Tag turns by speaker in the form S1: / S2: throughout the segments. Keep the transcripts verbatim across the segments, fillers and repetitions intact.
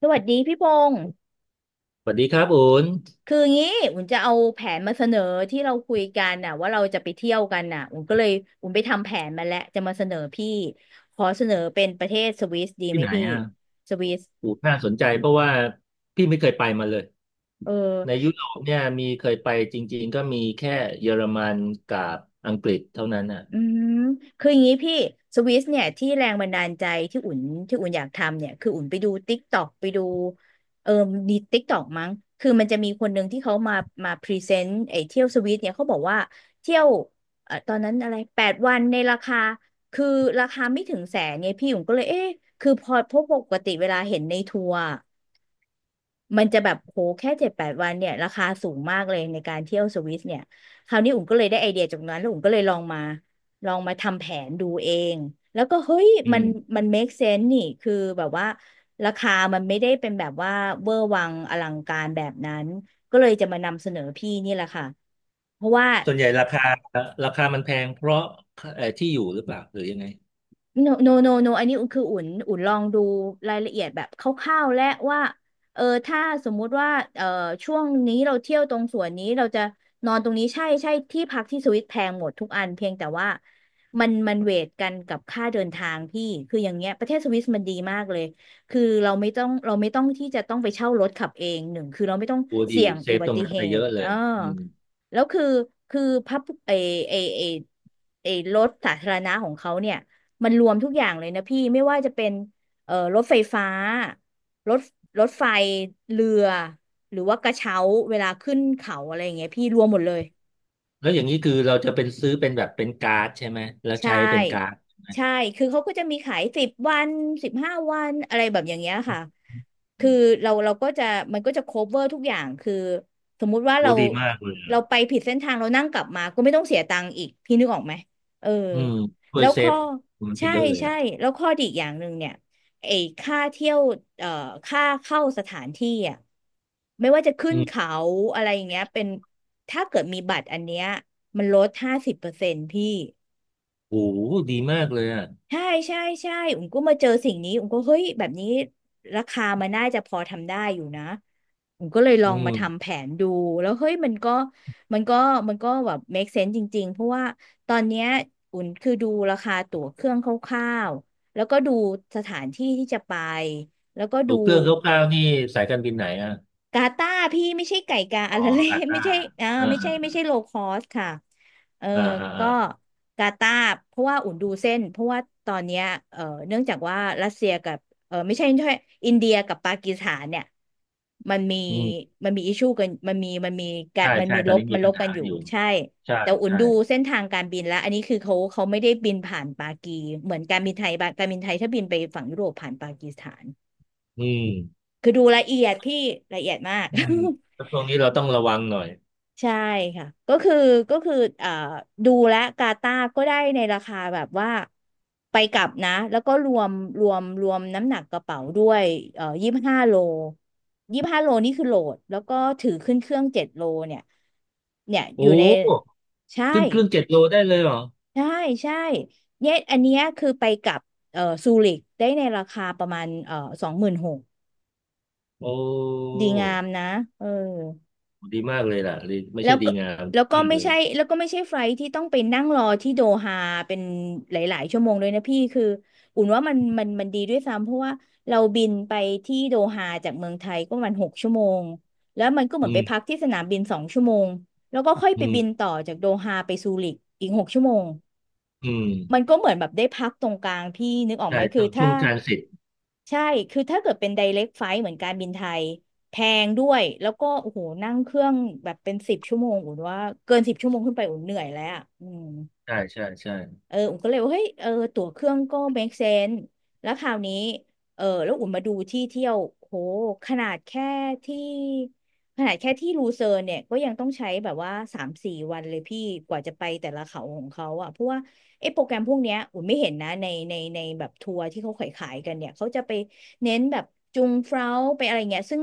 S1: สวัสดีพี่พงศ์
S2: สวัสดีครับอูน
S1: คืองี้อุ่นจะเอาแผนมาเสนอที่เราคุยกันน่ะว่าเราจะไปเที่ยวกันน่ะอุ่นก็เลยอุ่นไปทำแผนมาแล้วจะมาเสนอพี่ขอเสนอเป็นประเทศสวิสดีไห
S2: ที่
S1: ม
S2: ไหน
S1: พี่
S2: อ่ะ
S1: สวิส
S2: อูนน่าสนใจเพราะว่าพี่ไม่เคยไปมาเลย
S1: เออ
S2: ในยุโรปเนี่ยมีเคยไปจริงๆก็มีแค่เยอรมันกับอังกฤษเท่านั้นอ่ะ
S1: อืมคืออย่างนี้พี่สวิสเนี่ยที่แรงบันดาลใจที่อุ่นที่อุ่นอยากทำเนี่ยคืออุ่นไปดูติ๊กตอกไปดูเออดีติ๊กตอกมั้งคือมันจะมีคนหนึ่งที่เขามามาพรีเซนต์ไอ้เที่ยวสวิสเนี่ยเขาบอกว่าเที่ยวเอ่อตอนนั้นอะไรแปดวันในราคาคือราคาไม่ถึงแสนเนี่ยพี่อุ่นก็เลยเอ๊ะคือพอเพราะปกติเวลาเห็นในทัวร์ มันจะแบบโหแค่เจ็ดแปดวันเนี่ยราคาสูงมากเลยในการเที่ยวสวิสเนี่ยคราวนี้อุ่มก็เลยได้ไอเดียจากนั้นแล้วอุ่มก็เลยลองมาลองมาทำแผนดูเองแล้วก็เฮ้ย
S2: อื
S1: มัน
S2: ม
S1: มัน make sense นี่คือแบบว่าราคามันไม่ได้เป็นแบบว่าเวอร์วังอลังการแบบนั้นก็เลยจะมานำเสนอพี่นี่แหละค่ะเพราะว่า
S2: ส่วนใหญ่ราคาราคามันแพงเพราะเอ่อที่อยู่หรือเปล่าหรือยังไง
S1: no no no no อันนี้คืออุ่นอุ่นลองดูรายละเอียดแบบคร่าวๆและว่าเออถ้าสมมุติว่าเออช่วงนี้เราเที่ยวตรงส่วนนี้เราจะนอนตรงนี้ใช่ใช่ที่พักที่สวิตแพงหมดทุกอันเพียงแต่ว่ามันมันเวทกันกับค่าเดินทางพี่คืออย่างเงี้ยประเทศสวิสมันดีมากเลยคือเราไม่ต้องเราไม่ต้องที่จะต้องไปเช่ารถขับเองหนึ่งคือเราไม่ต้อง
S2: โอ้ดี
S1: เสี่ยง
S2: เซ
S1: อุ
S2: ฟ
S1: บั
S2: ตรง
S1: ติ
S2: นั้น
S1: เห
S2: ไปเย
S1: ตุ
S2: อะเล
S1: อ่า
S2: ยอืม
S1: แล้วคือคือพับเอเอเอเอรถสาธารณะของเขาเนี่ย มันรวมทุกอย่างเลยนะพี่ไม่ว่าจะเป็นเอ่อรถไฟฟ้ารถรถไฟเรือหรือว่ากระเช้าเวลาขึ้นเขาอะไรอย่างเงี้ยพี่รวมหมดเลย
S2: แล้วอย่างนี้คือเราจะเป็นซื้อเป็นแบบเป็นการ์ดใช่ไหมแล้ว
S1: ใช่
S2: ใช้เป็นการ์ด
S1: ใช่ คือเขาก็จะมีขายสิบวันสิบห้าวัน อะไรแบบอย่างเงี้ยค่ะ
S2: อื
S1: คือ
S2: ม
S1: เราเราก็จะมันก็จะ คัฟเวอร์ ทุกอย่าง คือสมมุติว่า
S2: โอ้
S1: เรา
S2: ดีมากเลย
S1: เรา
S2: อะ
S1: ไปผิดเส้นทางเรานั่งกลับมาก็ไม่ต้องเสียตังค์อีก พี่นึกออกไหม เออ
S2: อืมช่ว
S1: แล้
S2: ย
S1: ว
S2: เซ
S1: ข้อ
S2: ฟมันไป
S1: ใช่
S2: เยอะเลย
S1: ใช่
S2: อ่ะ
S1: แล้วข้อดีอีกอย่างหนึ่งเนี่ยไอ้ค่าเที่ยวเอ่อค่าเข้าสถานที่อ่ะไม่ว่าจะขึ้
S2: อื
S1: น
S2: ม
S1: เขาอะไรอย่างเงี้ยเป็นถ้าเกิดมีบัตรอันเนี้ยมันลดห้าสิบเปอร์เซ็นต์พี่
S2: โอ้ดีมากเลยอ่ะ
S1: ใช่ใช่ใช่อุ๋มก็มาเจอสิ่งนี้อุ๋มก็เฮ้ยแบบนี้ราคามันน่าจะพอทำได้อยู่นะอุ๋มก็เลยลอ
S2: อื
S1: งมาทำ
S2: ม
S1: แผนดู แล้วเฮ้ยมันก็มันก็มันก็แบบ make sense จริงๆ เพราะว่าตอนเนี้ยอุ๋มคือดูราคาตั๋วเครื่องคร่าวๆแล้วก็ดูสถานที่ที่จะไป แล้วก็
S2: ถู
S1: ดู
S2: กเครื่องคร่าวๆนี่สายการบินไหนอ่ะ
S1: กาตาร์พี่ไม่ใช่ไก่กา
S2: อ๋
S1: อะ
S2: อ
S1: ไรเลย
S2: อา ต้า
S1: ไม่ใช่อ่า
S2: เออ
S1: ไม่
S2: เอ
S1: ใช่ไม่
S2: อ
S1: ใช่โลคอสค่ะเออ
S2: เออเออเอ
S1: ก็
S2: อ
S1: กาตาร์เพราะว่าอุ่นดูเส้นเพราะว่าตอนเนี้ยเออเนื่องจากว่ารัสเซียกับเออไม่ใช่ใช่อินเดียกับปากีสถานเนี่ยมันมี
S2: อืม
S1: มันมีอิชชูกันมันมีมันมีการ
S2: ใช่
S1: มัน
S2: ใช่
S1: มี
S2: ต
S1: ล
S2: อน
S1: บ
S2: นี้
S1: มั
S2: มี
S1: นล
S2: ปัญ
S1: บกั
S2: หา
S1: นอยู่
S2: อยู่
S1: ใช่
S2: ใช่
S1: แต่อุ่น
S2: ใช่
S1: ดูเส้นทางการบินแล้วอันนี้คือเขาเขาไม่ได้บินผ่านปากีเหมือนการบินไทยบางการบินไทยถ้าบินไปฝั่งยุโรปผ่านปากีสถาน
S2: อืม
S1: คือดูละเอียดพี่ละเอียดมาก
S2: อืม แล้วช่วงนี้เราต้องระวังหน่อย
S1: ใช่ค่ะก็คือก็คือเอ่อดูและกาตาร์ก็ได้ในราคาแบบว่าไปกลับนะแล้วก็รวมรวมรวมน้ำหนักกระเป๋าด้วยเอ่อยี่สิบห้าโลยี่สิบห้าโลนี่คือโหลดแล้วก็ถือขึ้นเครื่องเจ็ดโลเนี่ยเนี่ยอ
S2: โอ้
S1: ยู่ในใช่
S2: ขึ้นเครื่องเจ็ดโลได้เลยเหรอ
S1: ใช่ใช่เนี่ยอันเนี้ยคือไปกลับเอ่อซูริกได้ในราคาประมาณเอ่อสองหมื่นหก
S2: โอ้
S1: ดีงามนะเออ
S2: ดีมากเลยล่ะดีไม่
S1: แล้
S2: ใช่
S1: ว
S2: ดี
S1: ก็
S2: งามดี
S1: แล้วก็
S2: มาก
S1: ไม่
S2: เลย
S1: ใช่แล้วก็ไม่ใช่ไฟลท์ที่ต้องไปนั่งรอที่โดฮาเป็นหลายๆชั่วโมงเลยนะพี่คืออุ่นว่ามันมันมันดีด้วยซ้ำเพราะว่าเราบินไปที่โดฮาจากเมืองไทยก็ประมันหกชั่วโมงแล้วมันก็เหมื
S2: อื
S1: อนไปพัก
S2: ม
S1: ที่สนามบินสองชั่วโมงแล้วก็ค่อย
S2: อื
S1: ไป
S2: ม
S1: บินต่อจากโดฮาไปซูริกอีกหกชั่วโมง
S2: อืม
S1: มันก็เหมือนแบบได้พักตรงกลางพี่นึกออกไห
S2: ใช่
S1: มคือ
S2: ต้องช่
S1: ถ้า
S2: วงทรานสิต
S1: ใช่คือถ้าเกิดเป็น ไดเร็ค ไฟลท์ เหมือนการบินไทยแพงด้วย แล้วก็โอ้โหนั่งเครื่องแบบเป็นสิบชั่วโมงอุ่นว่าเกินสิบชั่วโมงขึ้นไปอุ่นเหนื่อยแล้วอะอืม
S2: ใช่ใช่ใช่
S1: เอออุ่มก็เลยว่าเฮ้ยเออตั๋วเครื่องก็ make sense แล้วคราวนี้เออแล้วอุ่มมาดูที่เที่ยวโหขนาดแค่ที่ขนาดแค่ที่ลูเซิร์นเนี่ยก็ยังต้องใช้แบบว่าสามสี่วันเลยพี่กว่าจะไปแต่ละเขาของเขาอ่ะเพราะว่าไอ้โปรแกรมพวกเนี้ยอุ่มไม่เห็นนะในในในแบบทัวร์ที่เขาขายขายกันเนี่ยเขาจะไปเน้นแบบจุงเฟลาไปอะไรเงี้ยซึ่ง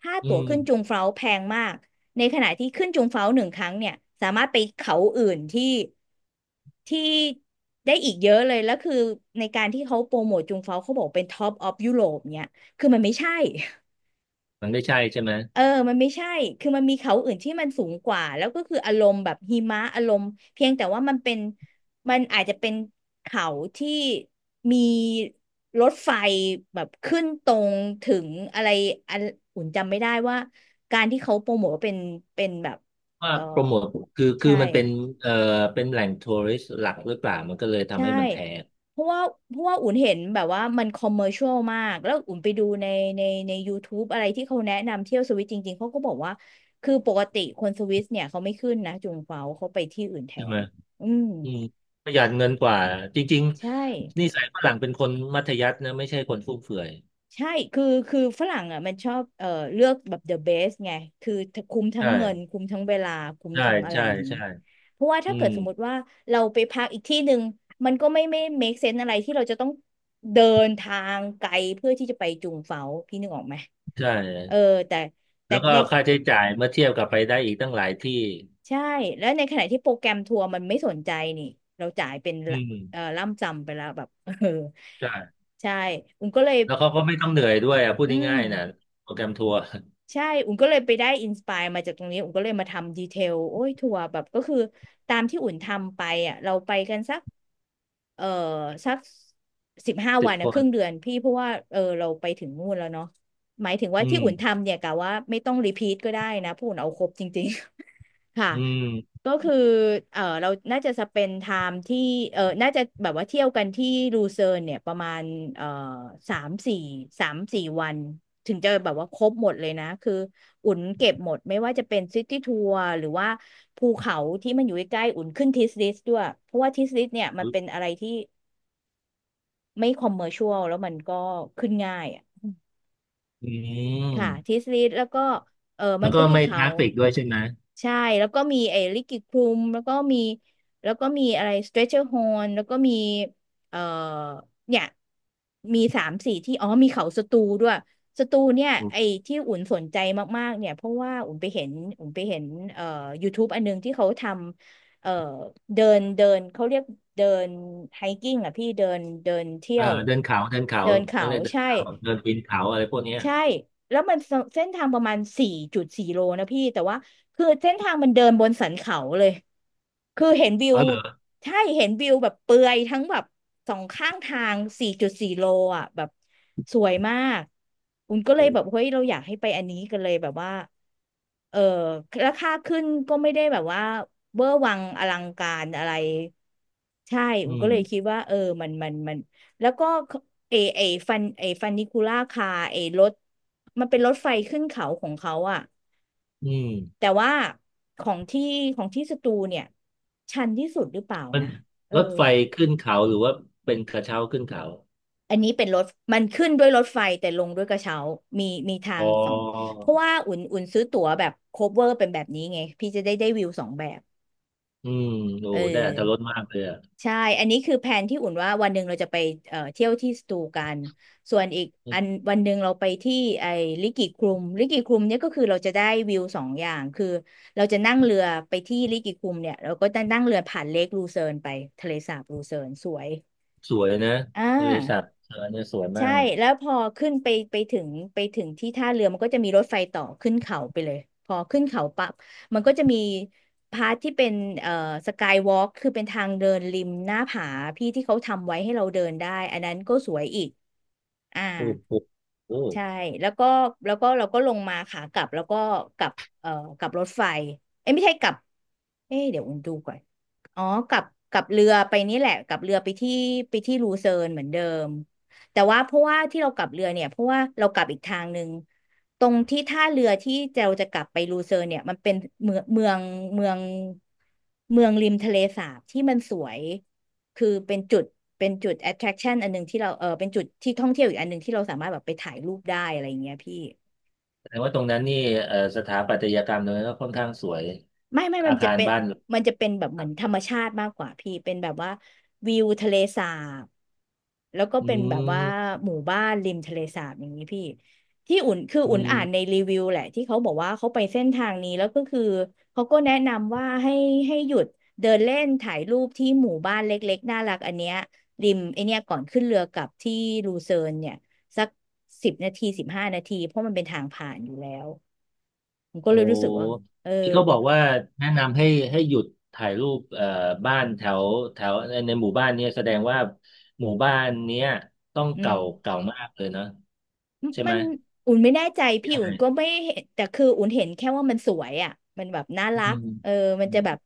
S1: ค่า
S2: อื
S1: ตั๋ว
S2: ม
S1: ขึ้นจุงเฟลาแพงมาก ในขณะที่ขึ้นจุงเฟ้าหนึ่งครั้งเนี่ยสามารถไปเขาอื่นที่ที่ได้อีกเยอะเลยแล้วคือในการที่เขาโปรโมทจุงเฟ้าเขาบอกเป็นท็อปออฟยุโรปเนี่ยคือมันไม่ใช่
S2: มันไม่ใช่ใช่ไหม
S1: เออ มันไม่ใช่ คือมันมีเขาอื่นที่มันสูงกว่า แล้วก็คืออารมณ์แบบหิมะอารมณ์เพียงแต่ว่ามันเป็น มันอาจจะเป็นเขาที่มีรถไฟแบบขึ้นตรงถึงอะไรอันอุ่นจำไม่ได้ว่าการที่เขาโปรโมทว่าเป็นเป็นแบบ
S2: ว่า
S1: เออ
S2: โปรโมทคือคือ
S1: ใช่
S2: มันเป็นเอ่อเป็นแหล่งทัวริสต์หลักหรือเปล่ามันก็เลยทำ
S1: ใช่
S2: ให้มันแพง
S1: เพราะว่าเพราะว่าอุ่นเห็นแบบว่ามันคอมเมอร์ช l ลมาก แล้วอุ่นไปดูในในใน YouTube อะไรที่เขาแนะนำเที่ยวสวิตจริงๆ เขาก็บอกว่า คือปกติคนสวิสเนี่ยเขาไม่ขึ้นนะจุงเฟาเขาไปที่อื่นแท
S2: ใช่ไหม
S1: นอืม
S2: อืมประหยัดเงินกว่าจริง
S1: ใช่
S2: ๆนิสัยฝรั่งเป็นคนมัธยัสถ์นะไม่ใช่คนฟุ่มเฟือย
S1: ใช่คือคือฝรั่งอ่ะมันชอบเอ่อเลือกแบบ the best ไง คือคุ้มทั้ง
S2: ใช่
S1: เงิน คุ้มทั้งเวลา คุ้ม
S2: ใช่
S1: ทั้งอะไร
S2: ใช่
S1: อย่างนี้
S2: ใช่
S1: เพราะว่า
S2: อื
S1: ถ้าเกิ
S2: ม
S1: ดสมมติว่าเราไปพักอีกที่หนึ่งมันก็ไม่ไม่ make sense อะไรที่เราจะต้องเดินทางไกลเพื่อที่จะไปจุงเฝาพี่นึกออกไหม
S2: ใช่
S1: เออ แต่แต่
S2: แล้วก็
S1: ใน
S2: ค่าใช้จ่ายเมื่อเทียบกับไปได้อีกตั้งหลายที่
S1: ใช่ แล้วในขณะที่โปรแกรมทัวร์มันไม่สนใจนี่เราจ่ายเป็น
S2: อื
S1: ละเอ่อ
S2: ม
S1: ล่ำจำไปแล้วแบบ เออ
S2: ใช่
S1: ใช่อุ้มก็เลย
S2: แล้วเขาก็ไม่ต้องเหนื่อยด้วยอ่ะพูด
S1: อืม
S2: ง่ายๆนะโปรแกรมทัวร์
S1: ใช่ อุ่นก็เลยไปได้อินสปายมาจากตรงนี้ อุ่นก็เลยมาทำดีเทลโอ้ยทัวร์แบบก็คือตามที่อุ่นทำไปอ่ะเราไปกันสักเออสักสิบห้า
S2: สิ
S1: วั
S2: บ
S1: น
S2: ค
S1: นะค
S2: น
S1: รึ่งเดือนพี่เพราะว่าเออเราไปถึงนู่นแล้วเนาะหมายถึงว่า
S2: อื
S1: ที่อุ่น
S2: ม
S1: ทำเนี่ยกะว่าไม่ต้องรีพีทก็ได้นะเพราะอุ่นเอาครบจริง ค่ะ
S2: อืม
S1: ก็คือเออเราน่าจะสเปนไทม์ที่เออน่าจะแบบว่าเที่ยวกันที่ลูเซิร์นเนี่ยประมาณเออสามสี่สามสี่วันถึงจะแบบว่าครบหมดเลยนะคืออุ่นเก็บหมดไม่ว่าจะเป็นซิตี้ทัวร์หรือว่าภูเขาที่มันอยู่ใกล้ๆอุ่นขึ้นทิสลิสด้วยเพราะว่าทิสลิสเนี่ยมันเป็นอะไรที่ไม่คอมเมอร์ชวลแล้วมันก็ขึ้นง่ายอ่ะ
S2: อื
S1: ค่ะทิ
S2: ม
S1: สลิสแล้วก็เออมั
S2: แล้
S1: น
S2: วก็
S1: ก็มี
S2: ไม่ท
S1: เขา
S2: ราฟิกด้วยใช่ไหม
S1: ใช่แล้วก็มีไอ้ลิกิคลุมแล้วก็มีแล้วก็มีอะไรสเตร c เชอร์ฮอนแล้วก็มีเอ่อเนี่ยมีสามสี่ที่อ๋อมีเขาสตูด้วยสตูเนี่ยไอ้ที่อุ่นสนใจมากๆเนี่ยเพราะว่าอุ่นไปเห็นอุ่นไปเห็นเอ่อ YouTube อันนึงที่เขาทำเอ่อเดินเดินเขาเรียกเดินไฮกิ้งอ่ะพี่เดินเดินเที่
S2: เอ
S1: ย
S2: อ
S1: ว
S2: เดินเขาเดินเขา
S1: เดินเขา
S2: เขาเรียกเดิน
S1: ใช่
S2: เขาเดินปีนเขาอะไรพวกเนี้ย
S1: ใช่แล้วมันเสเส้นทางประมาณสี่จุดสี่โลนะพี่แต่ว่าคือเส้นทางมันเดินบนสันเขาเลย คือเห็นวิ
S2: อ๋
S1: ว
S2: อเหรอ
S1: ใช่เห็นวิวแบบเปลือยทั้งแบบสองข้างทางสี่จุดสี่โลอ่ะแบบสวยมากคุณก็เล
S2: โอ
S1: ยแบบ
S2: ้
S1: เฮ้ยเราอยากให้ไปอันนี้กันเลยแบบว่าเออราคาขึ้นก็ไม่ได้แบบว่าเวอร์วังอลังการอะไรใช่ผ
S2: อื
S1: มก็เลยคิ
S2: ม
S1: ดว่าเออมันมันมัน แล้วก็เอเอฟันเอฟันนิคูล่าคาเอรถมันเป็นรถไฟขึ้นเขาของเขาอะ
S2: อืม
S1: แต่ว่าของที่ของที่สตูเนี่ยชันที่สุดหรือเปล่า
S2: มัน
S1: นะเออ
S2: รถไฟขึ้นเขาหรือว่าเป็นกระเช้าขึ้นเขา
S1: อันนี้เป็นรถมันขึ้นด้วยรถไฟแต่ลงด้วยกระเช้ามีมีทา
S2: อ๋อ
S1: งสองเพราะว่าอุ่นอุ่นซื้อตั๋วแบบโคเวอร์เป็นแบบนี้ไงพี่จะได้ได้วิวสองแบบ
S2: อืมโอ้
S1: เออ
S2: ได้อรรถรสมากเลยอ่ะ
S1: ใช่อันนี้คือแผนที่อุ่นว่าวันหนึ่งเราจะไปเอ่อเที่ยวที่สตูกันส่วนอีกอันวันหนึ่งเราไปที่ไอ้ลิกิคลุมลิกิคลุมเนี่ยก็คือเราจะได้วิวสองอย่างคือเราจะนั่งเรือไปที่ลิกิคลุมเนี่ยเราก็จะนั่งเรือผ่านเลคลูเซิร์นไปทะเลสาบลูเซิร์นสวย
S2: สวยนะ
S1: อ่
S2: บะิษัท
S1: า
S2: เออเนี่ยสวยมา
S1: ใช่
S2: กเลย
S1: แล้วพอขึ้นไปไปถึงไปถึงที่ท่าเรือมันก็จะมีรถไฟต่อขึ้นเขาไปเลยพอขึ้นเขาปั๊บมันก็จะมีพาร์ทที่เป็นเอ่อสกายวอล์กคือเป็นทางเดินริมหน้าผาพี่ที่เขาทำไว้ให้เราเดินได้อันนั้นก็สวยอีกอ่า
S2: โอ้โหโอ้
S1: ใช่แล้วก็แล้วก็เราก็ลงมาขากลับแล้วก็กลับเอ่อกลับรถไฟเอ้ยไม่ใช่กลับเอ้ยเดี๋ยวอุ่นดูก่อนอ๋อกลับกลับเรือไปนี่แหละกลับเรือไปที่ไปที่ลูเซิร์นเหมือนเดิมแต่ว่าเพราะว่าที่เรากลับเรือเนี่ยเพราะว่าเรากลับอีกทางหนึ่งตรงที่ท่าเรือที่เราจะกลับไปลูเซิร์นเนี่ยมันเป็นเมืองเมืองเมืองเมืองริมทะเลสาบที่มันสวย คือเป็นจุดเป็นจุด attraction อันหนึ่งที่เราเออเป็นจุดที่ท่องเที่ยวอีกอันหนึ่งที่เราสามารถแบบไปถ่ายรูปได้อะไรอย่างเงี้ยพี่
S2: แสดงว่าตรงนั้นนี่เอ่อสถาปัตยกรรมตรงนั้นก็ค่อนข้างสวย
S1: ไม่ไม่มั
S2: อา
S1: นจะ
S2: คาร
S1: เป็น
S2: บ้าน
S1: มันจะเป็นแบบเหมือนธรรมชาติมากกว่าพี่เป็นแบบว่าวิวทะเลสาบแล้วก็
S2: อื
S1: เป็นแบบว่า
S2: ม
S1: หมู่บ้านริมทะเลสาบอย่างนี้พี่ที่อุ่นคือ
S2: อื
S1: อุ่นอ่านใน
S2: ม
S1: รีวิวแหละที่เขาบอกว่าเขาไปเส้นทางนี้แล้วก็คือเขาก็แนะนำว่าให้ให้หยุดเดินเล่นถ่ายรูปที่หมู่บ้านเล็กๆน่ารักอันเนี้ยริมไอเนี้ยก่อนขึ้นเรือกลับที่ลูเซิร์นเนี่ยสักสิบนาทีสิบห้านาทีเพราะมันเป็นทางผ่านอยู่แล้วผมก็
S2: โอ
S1: เลยรู้สึกว่า
S2: ้
S1: เออ
S2: พี่ก็บอกว่าแนะนำให้ให้หยุดถ่ายรูปเอ่อบ้านแถวแถวในในหมู่บ้านเนี่ยแสดงว่าหมู่บ้านเนี้ยต้อง
S1: อืม
S2: เก่าเก่ามากเลยเนาะใช่
S1: มั
S2: ไหม
S1: นอุ่นไม่แน่ใจ
S2: ใ
S1: พี่อุ่นก็
S2: ช่
S1: ไม่เห็นแต่คืออุ่นเห็นแค่ว่ามันสวยอ่ะมันแบบน่า
S2: อื
S1: รัก
S2: ม
S1: เออมัน
S2: อื
S1: จะแบบ
S2: ม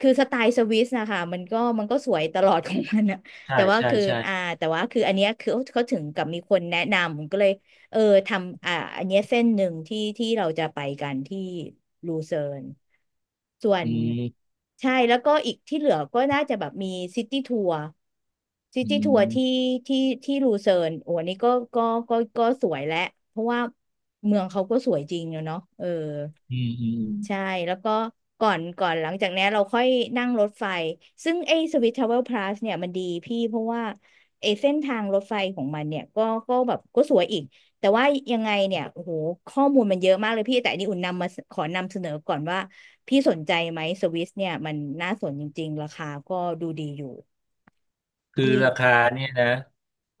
S1: คือสไตล์สวิสนะคะมันก็มันก็สวยตลอดของมันอะ
S2: ใช่
S1: แต่ว่า
S2: ใช่
S1: คือ
S2: ใช่
S1: อ่าแต่ว่าคืออันเนี้ยคือเขาถึงกับมีคนแนะนำผมก็เลย เออทำอ่าอันเนี้ยเส้นหนึ่งที่ที่เราจะไปกันที่ลูเซิร์นส่ว
S2: อื
S1: น
S2: ม
S1: ใช่แล้วก็อีกที่เหลือก็น่าจะแบบมีซิตี้ทัวร์ซิ
S2: อื
S1: ตี้ทัวร์ที่
S2: ม
S1: ที่ที่ลูเซิร์นโอ้อันนี้ก็ก็ก็ก็สวยและเพราะว่าเมืองเขาก็สวยจริงอะเนาะเออ
S2: อืมอืม
S1: ใช่แล้วก็ก่อนก่อนหลังจากนี้นเราค่อยนั่งรถไฟซึ่งไอ้สวิสทราเวลพลัสเนี่ยมันดีพี่เพราะว่าไอ้เส้นทางรถไฟของมันเนี่ยก็ก็แบบก็สวยอีกแต่ว่ายังไงเนี่ยโอ้โหข้อมูลมันเยอะมากเลยพี่แต่อันนี้อุ่นนำมาขอนำเสนอก่อนว่าพี่สนใจไหมสวิสเนี่ยมันน่าสนจริงๆราคาก็ดูดีอยู่
S2: คือ
S1: พี่
S2: ราคาเนี่ยนะ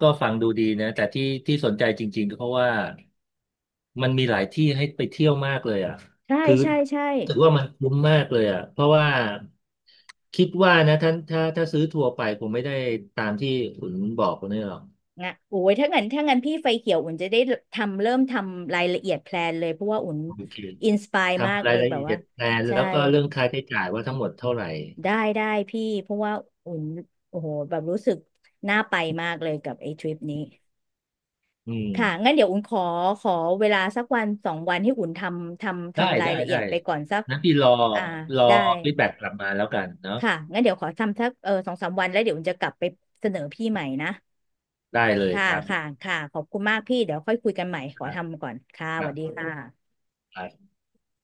S2: ก็ฟังดูดีนะแต่ที่ที่สนใจจริงๆก็เพราะว่ามันมีหลายที่ให้ไปเที่ยวมากเลยอ่ะ
S1: ใช่
S2: คือ
S1: ใช่ใช่
S2: รู้สึกว่ามันคุ้มมากเลยอ่ะเพราะว่าคิดว่านะท่านถ้าถ้าซื้อทัวร์ไปคงไม่ได้ตามที่คุณบอกคนนี้หรอก
S1: อ่ะโอ้ยถ้างั้นถ้างั้นพี่ไฟเขียวอุ่นจะได้ทำเริ่มทำรายละเอียดแพลนเลยเพราะว่าอุ่น
S2: โอเค
S1: อินสปายมาก
S2: ทำรา
S1: เล
S2: ย
S1: ย
S2: ละ
S1: แบบ
S2: เอี
S1: ว่า
S2: ยดแพลน
S1: ใช่
S2: แล้วก็เรื่องค่าใช้จ่ายว่าทั้งหมดเท่าไหร่
S1: ได้ได้พี่เพราะว่าอุ่นโอ้โหแบบรู้สึกน่าไปมากเลยกับไอ้ทริปนี้
S2: อืม
S1: ค่ะงั้นเดี๋ยวอุ่นขอขอเวลาสักวันสองวันให้อุ่นทำทำ
S2: ได้
S1: ทำราย
S2: ได้
S1: ละเอี
S2: ได้
S1: ยดไปก่อนสัก
S2: นั้นพี่รอ
S1: อ่า
S2: รอ
S1: ได้
S2: ฟีดแบ็กกลับมาแล้วกันเนาะ
S1: ค่ะงั้นเดี๋ยวขอทำสักเออสองสามวันแล้วเดี๋ยวอุ่นจะกลับไปเสนอพี่ใหม่นะ
S2: ได้เลย
S1: ค่ะ
S2: ครับ
S1: ค่ะค่ะขอบคุณมากพี่เดี๋ยวค่อยคุยกันใหม่ ข
S2: ค
S1: อ
S2: รับ
S1: ทำก่อน ค่ะส
S2: ค
S1: วัสดีค่ะ
S2: รับ